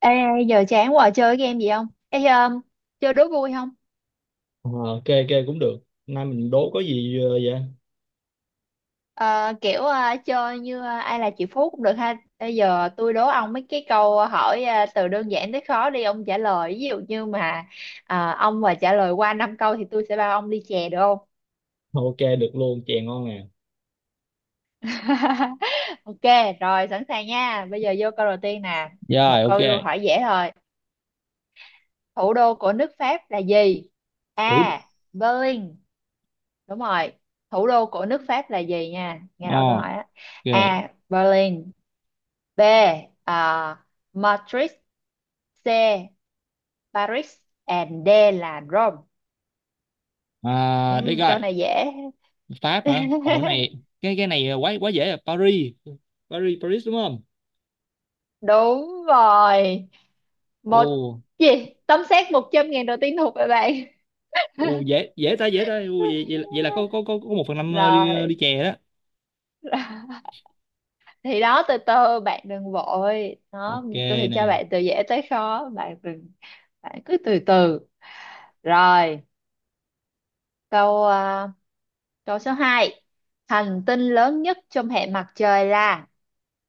Ê, giờ chán quá chơi cái game gì không? Ê, chơi đố vui không? Ờ, ok ok cũng được nay mình đố có gì vậy. Ờ, kiểu chơi như ai là chị Phú cũng được ha. Bây giờ tôi đố ông mấy cái câu hỏi từ đơn giản tới khó đi ông trả lời. Ví dụ như mà ông mà trả lời qua 5 câu thì tôi sẽ bao ông ly chè được không? Ok được luôn, chè ngon nè. Ok, rồi sẵn sàng nha. Bây giờ vô câu đầu tiên nè. Rồi, Một ok. câu hỏi dễ thôi. Thủ đô của nước Pháp là gì? Thủ A. Berlin. Đúng rồi. Thủ đô của nước Pháp là gì nha? Nghe Ờ, rõ câu hỏi á. ok. A. Berlin. B. à, Madrid. C. Paris. And D là Rome. À, đây Ừ, câu coi, này dễ. Pháp hả? Ồ, cái này cái này quá quá dễ à. Paris. Paris, Paris đúng không? Đúng rồi. Một Ồ, gì? Tấm xét 100.000 đầu tiên thuộc về bạn. ồ, dễ dễ ta, dễ ta. Ồ, vậy là có có có có một phần năm đi Rồi. đi chè đó. Thì đó từ từ, bạn đừng vội. Đó, Ok tôi sẽ nè. cho bạn từ dễ tới khó. Bạn đừng, bạn cứ từ từ. Rồi, câu ờ, câu số hai. Hành tinh lớn nhất trong hệ mặt trời là: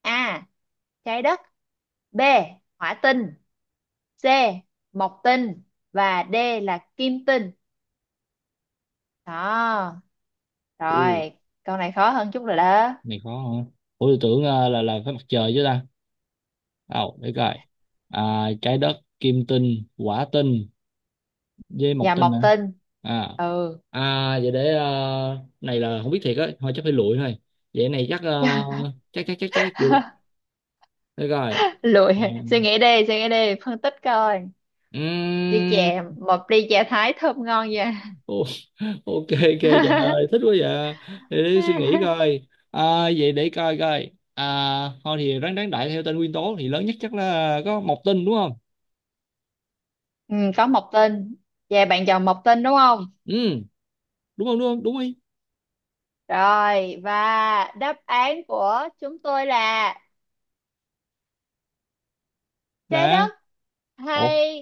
A. Trái đất. B. Hỏa tinh. C. Mộc tinh. Và D là kim tinh. Đó, Ồ, rồi, câu này khó hơn chút rồi đó. này khó hả? Ủa, tôi tưởng là phải mặt trời chứ ta. Ồ, để coi. À, trái đất, kim tinh, quả tinh. Dê một Và tình hả? mộc tinh. à Ừ. à vậy để này là không biết thiệt á, thôi chắc phải lụi thôi. Vậy này chắc chắc chắc chắc chắc được. Được rồi. Lụi, Ờ, suy nghĩ đi, phân tích coi. Ly ừm, chè, một ly chè Thái thơm ngon vậy. ô- ok ok, trời ơi thích quá vậy. Để suy nghĩ coi à, vậy để coi coi à. Thôi thì ráng đáng đại theo tên nguyên tố thì lớn nhất chắc là có một tinh, đúng không? Ừ, có mộc tinh. Vậy bạn chọn mộc tinh đúng không? Ừ, đúng không, đúng không, đúng đi. Rồi, và đáp án của chúng tôi là trái Là, đất ủa? hay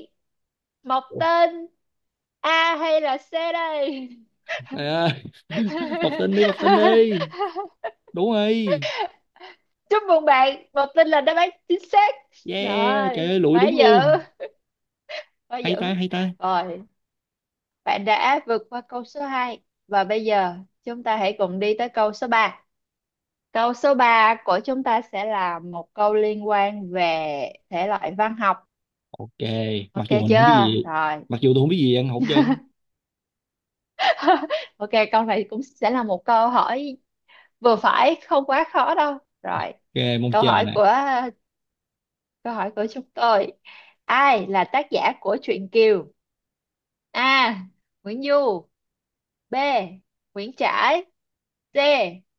mọc Ủa? tên, A hay là C đây? Trời ơi. Một tinh đi, một tinh đi, đúng rồi. Chúc mừng bạn, mọc tên là đáp án chính xác. Yeah, trời Rồi, ơi lụi quá đúng dữ, luôn. quá Hay ta, dữ. hay ta. Rồi, bạn đã vượt qua câu số 2 và bây giờ chúng ta hãy cùng đi tới câu số 3. Câu số 3 của chúng ta sẽ là một câu liên quan về thể loại văn học. Ok, mặc Ok dù mình không biết chưa? gì, Rồi, mặc dù tôi không biết gì ăn hột chân. ok, câu này cũng sẽ là một câu hỏi vừa phải, không quá khó đâu. Rồi, Ok, mong câu chờ hỏi nè. của câu hỏi của chúng tôi. Ai là tác giả của truyện Kiều? A. Nguyễn Du. B. Nguyễn Trãi. C.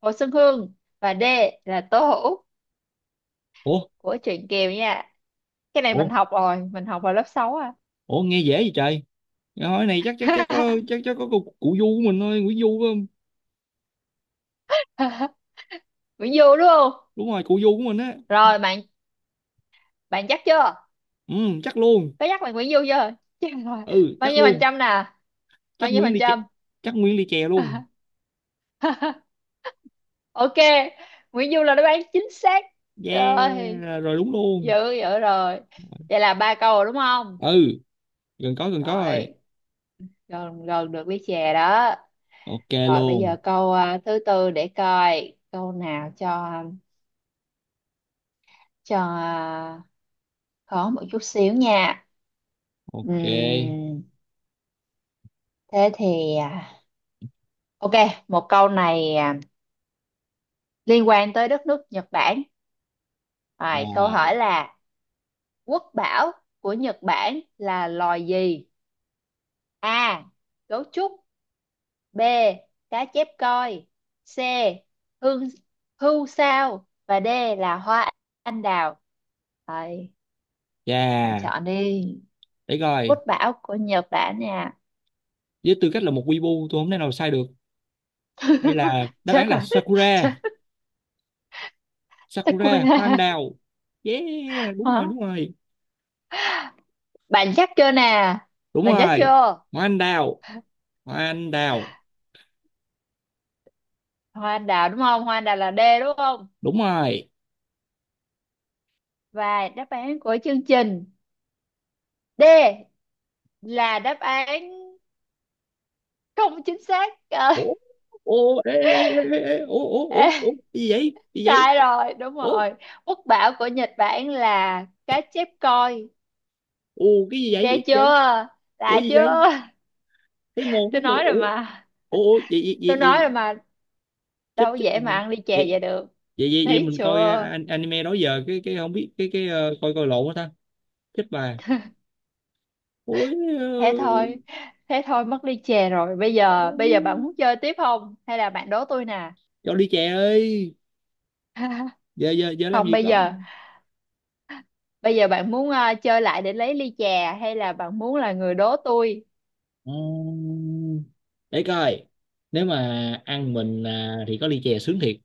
Hồ Xuân Hương. Và D là Tố Hữu, Ủa, của truyện Kiều nha. Cái này mình ủa, học rồi, mình học vào lớp 6 à. ủa, nghe dễ vậy trời. Cái hỏi này chắc chắc chắc có cụ Du của mình thôi, Nguyễn Du phải không? Nguyễn Du đúng không? Đúng rồi, cụ Du của mình á. Rồi bạn bạn chắc chưa? Ừ, chắc luôn. Có chắc là Nguyễn Du chưa? Chắc rồi. Ừ, Bao chắc nhiêu phần luôn. trăm nè? Bao Chắc nhiêu Nguyễn phần Ly Chè. trăm? Chắc Nguyễn Ly Chè luôn. Ok, Nguyễn Du là đáp án chính xác. Rồi, Yeah, rồi đúng dữ luôn. dữ rồi. Vậy là ba câu rồi đúng không? Ừ, gần có, gần có rồi. Rồi, gần gần được với chè đó. Ok Rồi, bây giờ luôn. câu thứ tư, để coi câu nào cho cho à, khó một chút xíu nha. Ok. Ừm, thế thì ok, một câu này liên quan tới đất nước Nhật Bản. Rồi, câu hỏi Rồi. là: quốc bảo của Nhật Bản là loài gì? A. Gấu trúc. B. Cá chép coi. C. Hương hưu sao. Và D là hoa anh đào. Rồi, bạn Yeah, chọn đi. để Quốc coi. bảo của Nhật Bản nha. Với tư cách là một weeaboo, tôi không thể nào sai được. Đây là, đáp án Chết là rồi. Chết. Sakura. Sakura. Sakura, hoa anh đào. Yeah, đúng Hả? rồi, đúng rồi. Bạn chắc chưa nè? Đúng Bạn chắc rồi, chưa? hoa anh đào, hoa anh đào. Hoa anh đào đúng không? Hoa anh đào là D đúng không? Đúng rồi. Và đáp án của chương trình, D là đáp án không chính xác. Ủa, ủa, ê, ê, ê, ê, ê, ủa, ủa, Ờ, ủa, ủa, cái gì vậy, cái gì vậy? sai rồi đúng Ủa, rồi, quốc bảo của Nhật Bản là cá chép coi. ủa, cái gì vậy, cái gì Ghê chưa, vậy? Ủa, lạ gì vậy? chưa? Thấy mồ, thấy Tôi mồ, nói rồi ủa. mà, Ủa, tôi nói rồi gì? mà. Chết Đâu có chết dễ mồ. mà ăn ly chè vậy vậy được. vậy vậy vậy Thấy mình coi chưa? Anime đó giờ cái không biết cái coi coi lộn quá ta. Chết bà, ôi. Thế thôi, thế thôi, mất ly chè rồi. bây ờ, giờ bây giờ bạn muốn chơi tiếp không hay là bạn đố tôi nè? cho đi chè ơi. Giờ giờ giờ làm Không, gì bây có. giờ, bạn muốn chơi lại để lấy ly chè hay là bạn muốn là người đố tôi? Ờ, để coi. Nếu mà ăn mình à, thì có ly chè sướng thiệt.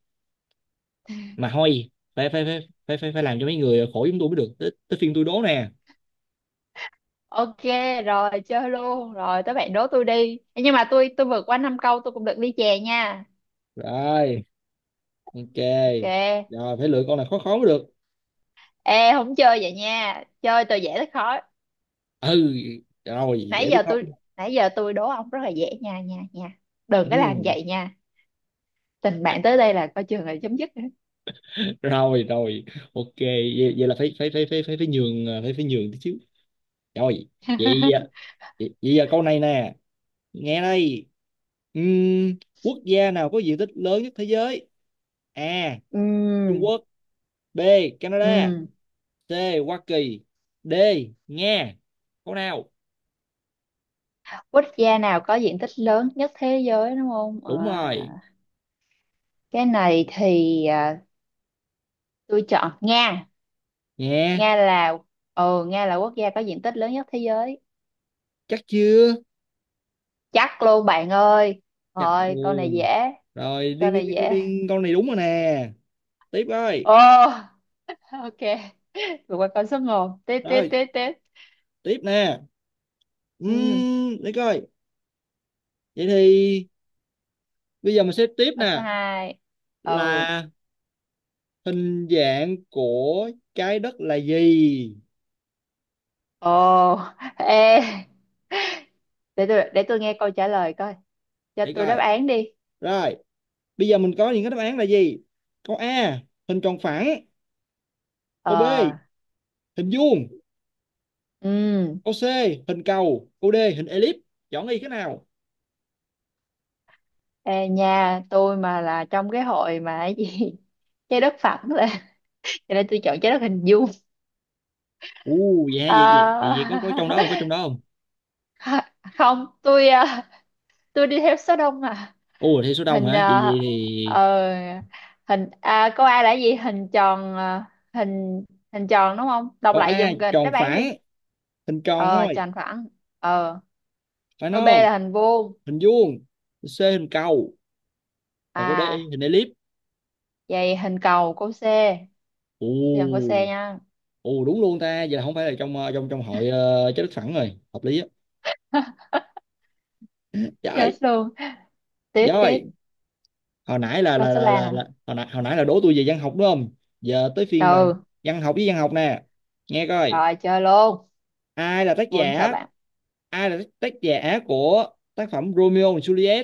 Mà thôi. Phải phải phải phải phải, phải làm cho mấy người khổ, chúng tôi mới được tới phiên tôi đố nè. Ok, rồi chơi luôn. Rồi tới bạn đố tôi đi. Ê, nhưng mà tôi vượt qua năm câu tôi cũng được ly chè nha. Rồi, ok. Ok. Rồi phải lựa con nào khó khó mới được. Ê, không chơi vậy nha. Chơi từ dễ tới khó. Ừ, rồi dễ biết không? Nãy giờ tôi đố ông rất là dễ nha nha nha. Đừng có làm Ừ. vậy nha. Tình À, bạn tới đây là coi chừng là chấm dứt. rồi rồi, ok, vậy là phải phải phải phải phải phải nhường à, phải phải nhường tí xíu. Rồi, vậy, vậy, vậy giờ câu này nè, nghe đây. Ừm, Quốc gia nào có diện tích lớn nhất thế giới? A. Trung Ừm, Quốc. B. Canada. ừm. C. Hoa Kỳ. D. Nga. Câu nào? Quốc gia nào có diện tích lớn nhất thế giới đúng không? À, Đúng rồi. cái này thì tôi chọn Nga. Nha. Nga là ừ Nga là, quốc gia có diện tích lớn nhất thế giới. Chắc chưa? Chắc luôn bạn ơi. Chắc, ừ. Rồi, câu này dễ. Rồi, Câu điên điên này điên điên dễ. điên. Câu này đúng rồi nè. Tiếp ơi. Ồ, ok, vượt qua con số một, tiếp tiếp Rồi, tiếp tiếp. tiếp nè. Ừ, Để coi. Vậy thì bây giờ mình sẽ tiếp câu số nè. hai. Ừ. Là, hình dạng của trái đất là gì? Ồ, ê, để tôi nghe câu trả lời coi. Cho Để tôi đáp coi, án đi. rồi bây giờ mình có những cái đáp án là gì. Câu A, hình tròn phẳng. Câu B, ờ hình vuông. ừ. Câu C, hình cầu. Câu D, hình elip. Chọn đi cái nào. Ê nha, tôi mà là trong cái hội mà cái gì, trái đất phẳng là, cho nên tôi chọn trái đất hình vuông. U, dạ, vậy vậy vậy Ờ, vậy có trong đó không, có trong đó không? không, tôi đi theo số đông à. U, thì số đông hình hả? vậy ờ vậy thì. ờ, hình câu A là gì? Hình tròn, hình hình tròn đúng không? Đọc Câu lại A giùm kịch tròn đáp án đi. phẳng. Hình tròn Ờ thôi, Tròn phẳng. ờ phải Câu B không? là hình vuông. Hình vuông. C hình cầu. Còn câu D, À, hình elip. vậy hình cầu, câu C. Tôi chọn câu C U. nha. Ồ, đúng luôn ta, vậy là không phải là trong ờ, trong trong hội. Trái đất phẳng rồi, hợp lý á. Chết Trời, luôn. Tiếp tiếp. trời, hồi nãy là Câu là số là 3 nè. là, là hồi nãy là đố tôi về văn học đúng không? Giờ tới phiên là Ừ, văn học với văn học nè. Nghe coi, rồi chơi luôn. ai là tác Tôi không sợ giả? bạn. Ai là tác giả của tác phẩm Romeo and Juliet?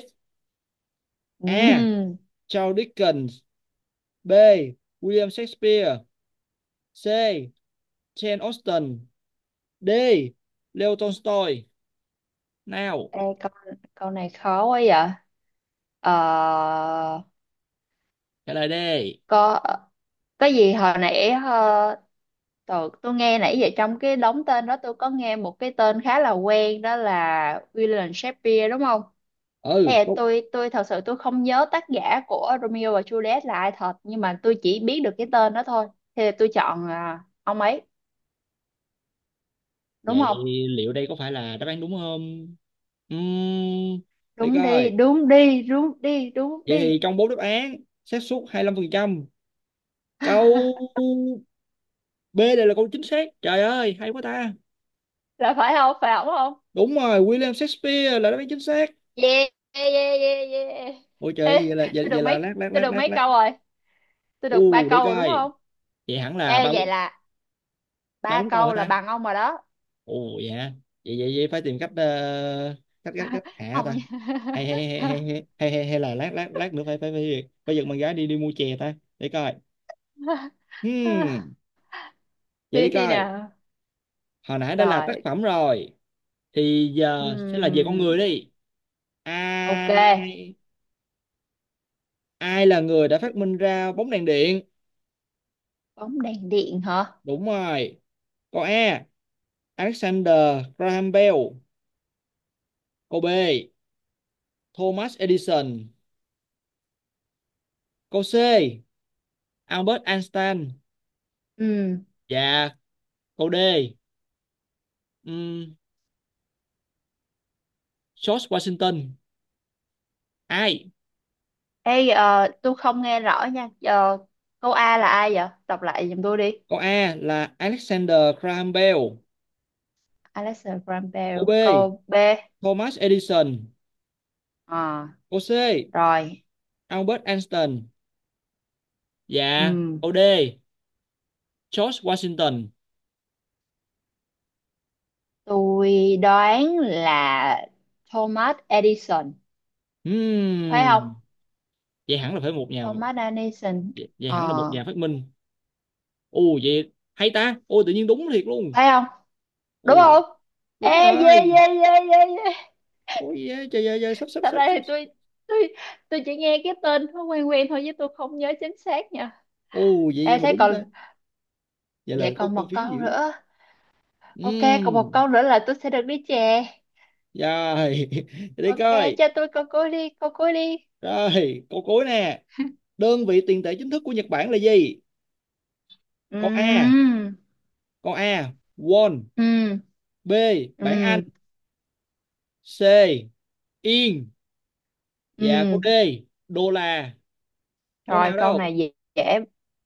A. Ừm, Charles Dickens. B. William Shakespeare. C. Jane Austen. D. Leo Tolstoy. Nào, ê, câu này khó quá vậy. ờ trả lời đi. có gì hồi nãy, tôi nghe nãy giờ trong cái đống tên đó, tôi có nghe một cái tên khá là quen, đó là William Shakespeare đúng không? Ừ, Ê, có. tôi thật sự tôi không nhớ tác giả của Romeo và Juliet là ai thật, nhưng mà tôi chỉ biết được cái tên đó thôi. Thì tôi chọn ông ấy đúng Vậy không? liệu đây có phải là đáp án đúng không? Uhm, để Đúng đi, coi. đúng đi, đúng đi, đúng Vậy đi. thì trong bốn đáp án, xác suất 25%. Câu B này là câu chính xác. Trời ơi, hay quá ta. Là phải không? Phải ổng không? Đúng rồi, William Shakespeare là đáp án chính xác. Yeah, yeah, yeah, yeah, yeah. Ôi trời, Ê, tôi được vậy là mấy lát lát tôi lát được lát mấy lát. câu rồi? Tôi được ba U, để câu rồi đúng coi. không? Vậy hẳn là Ê, ba bốn, vậy là ba ba bốn câu hả câu là ta? bằng ông rồi đó, Ồ dạ. Vậy vậy vậy phải tìm cách cách hạ không ta. Hay nha. hay hay hay hay hay hay hay là lát lát lát nữa phải phải phải phải giật bạn gái đi đi mua chè ta. Để coi. Hmm, Vậy đi Tuyến đi coi. nào. Hồi nãy đã là tác Rồi. phẩm rồi. Thì giờ sẽ là về con người Ừm. đi. Ok. Ai ai là người đã phát minh ra bóng đèn điện? Bóng đèn điện hả? Đúng rồi. Câu A. Alexander Graham Bell. Câu B. Thomas Edison. Câu C. Albert Einstein. Ừm. Và câu D. Um, George Washington. Ai? Ê, tôi không nghe rõ nha. Ờ, câu A là ai vậy? Đọc lại giùm tôi đi. Câu A là Alexander Graham Bell. Alexa Graham Câu B. Bell. Câu B. Thomas Edison. Ờ. Câu C. Rồi. Albert Einstein. Dạ, Ừm. OD, George Washington. Tôi đoán là Thomas Edison. Phải không? Hmm, vậy hẳn là phải một nhà Thomas Edison. vậy, Vậy hẳn là một Ờ, nhà phát minh. Ồ vậy hay ta. Ôi, tự nhiên đúng thiệt luôn. phải không, đúng Ồ, không? Ê, đúng yeah, rồi. yeah, yeah, yeah, yeah. Ôi yeah, trời ơi, trời, sắp sắp Thật sắp ra sắp. thì tôi tôi chỉ nghe cái tên nó quen quen thôi, chứ tôi không nhớ chính xác nha. Ồ, vậy vậy Ê, mà thế đúng ta. còn, Vậy là vậy có còn có một phiếu câu dữ. nữa. Ok, còn một Hmm. câu nữa là tôi sẽ được đi chè. Rồi, để đi Ok, coi. cho tôi câu cuối đi, câu cuối đi. Rồi, câu cuối nè. Đơn vị tiền tệ chính thức của Nhật Bản là gì? Ừ. Câu A, câu A, won. Ừ. B, bảng Anh. Ừ. C, yên. Dạ cô Ừ. D, đô la. Con Rồi, nào câu đâu? này dễ dễ.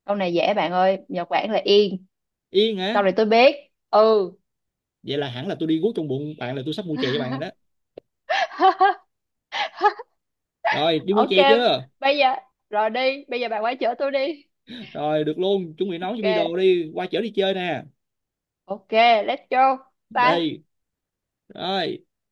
Câu này dễ bạn ơi, Nhật Bản là yên. Yên hả? Câu này tôi biết. Ừ. Vậy là hẳn là tôi đi guốc trong bụng bạn, là tôi sắp mua chè cho bạn rồi đó. Rồi đi mua Ok, chè chưa? bây giờ, rồi đi, bây giờ bạn quay chở tôi đi. Rồi được luôn. Chuẩn bị nấu cho bi Ok. đồ đi. Qua chở đi chơi nè. Ok, let's go. Bye. Đi. Rồi.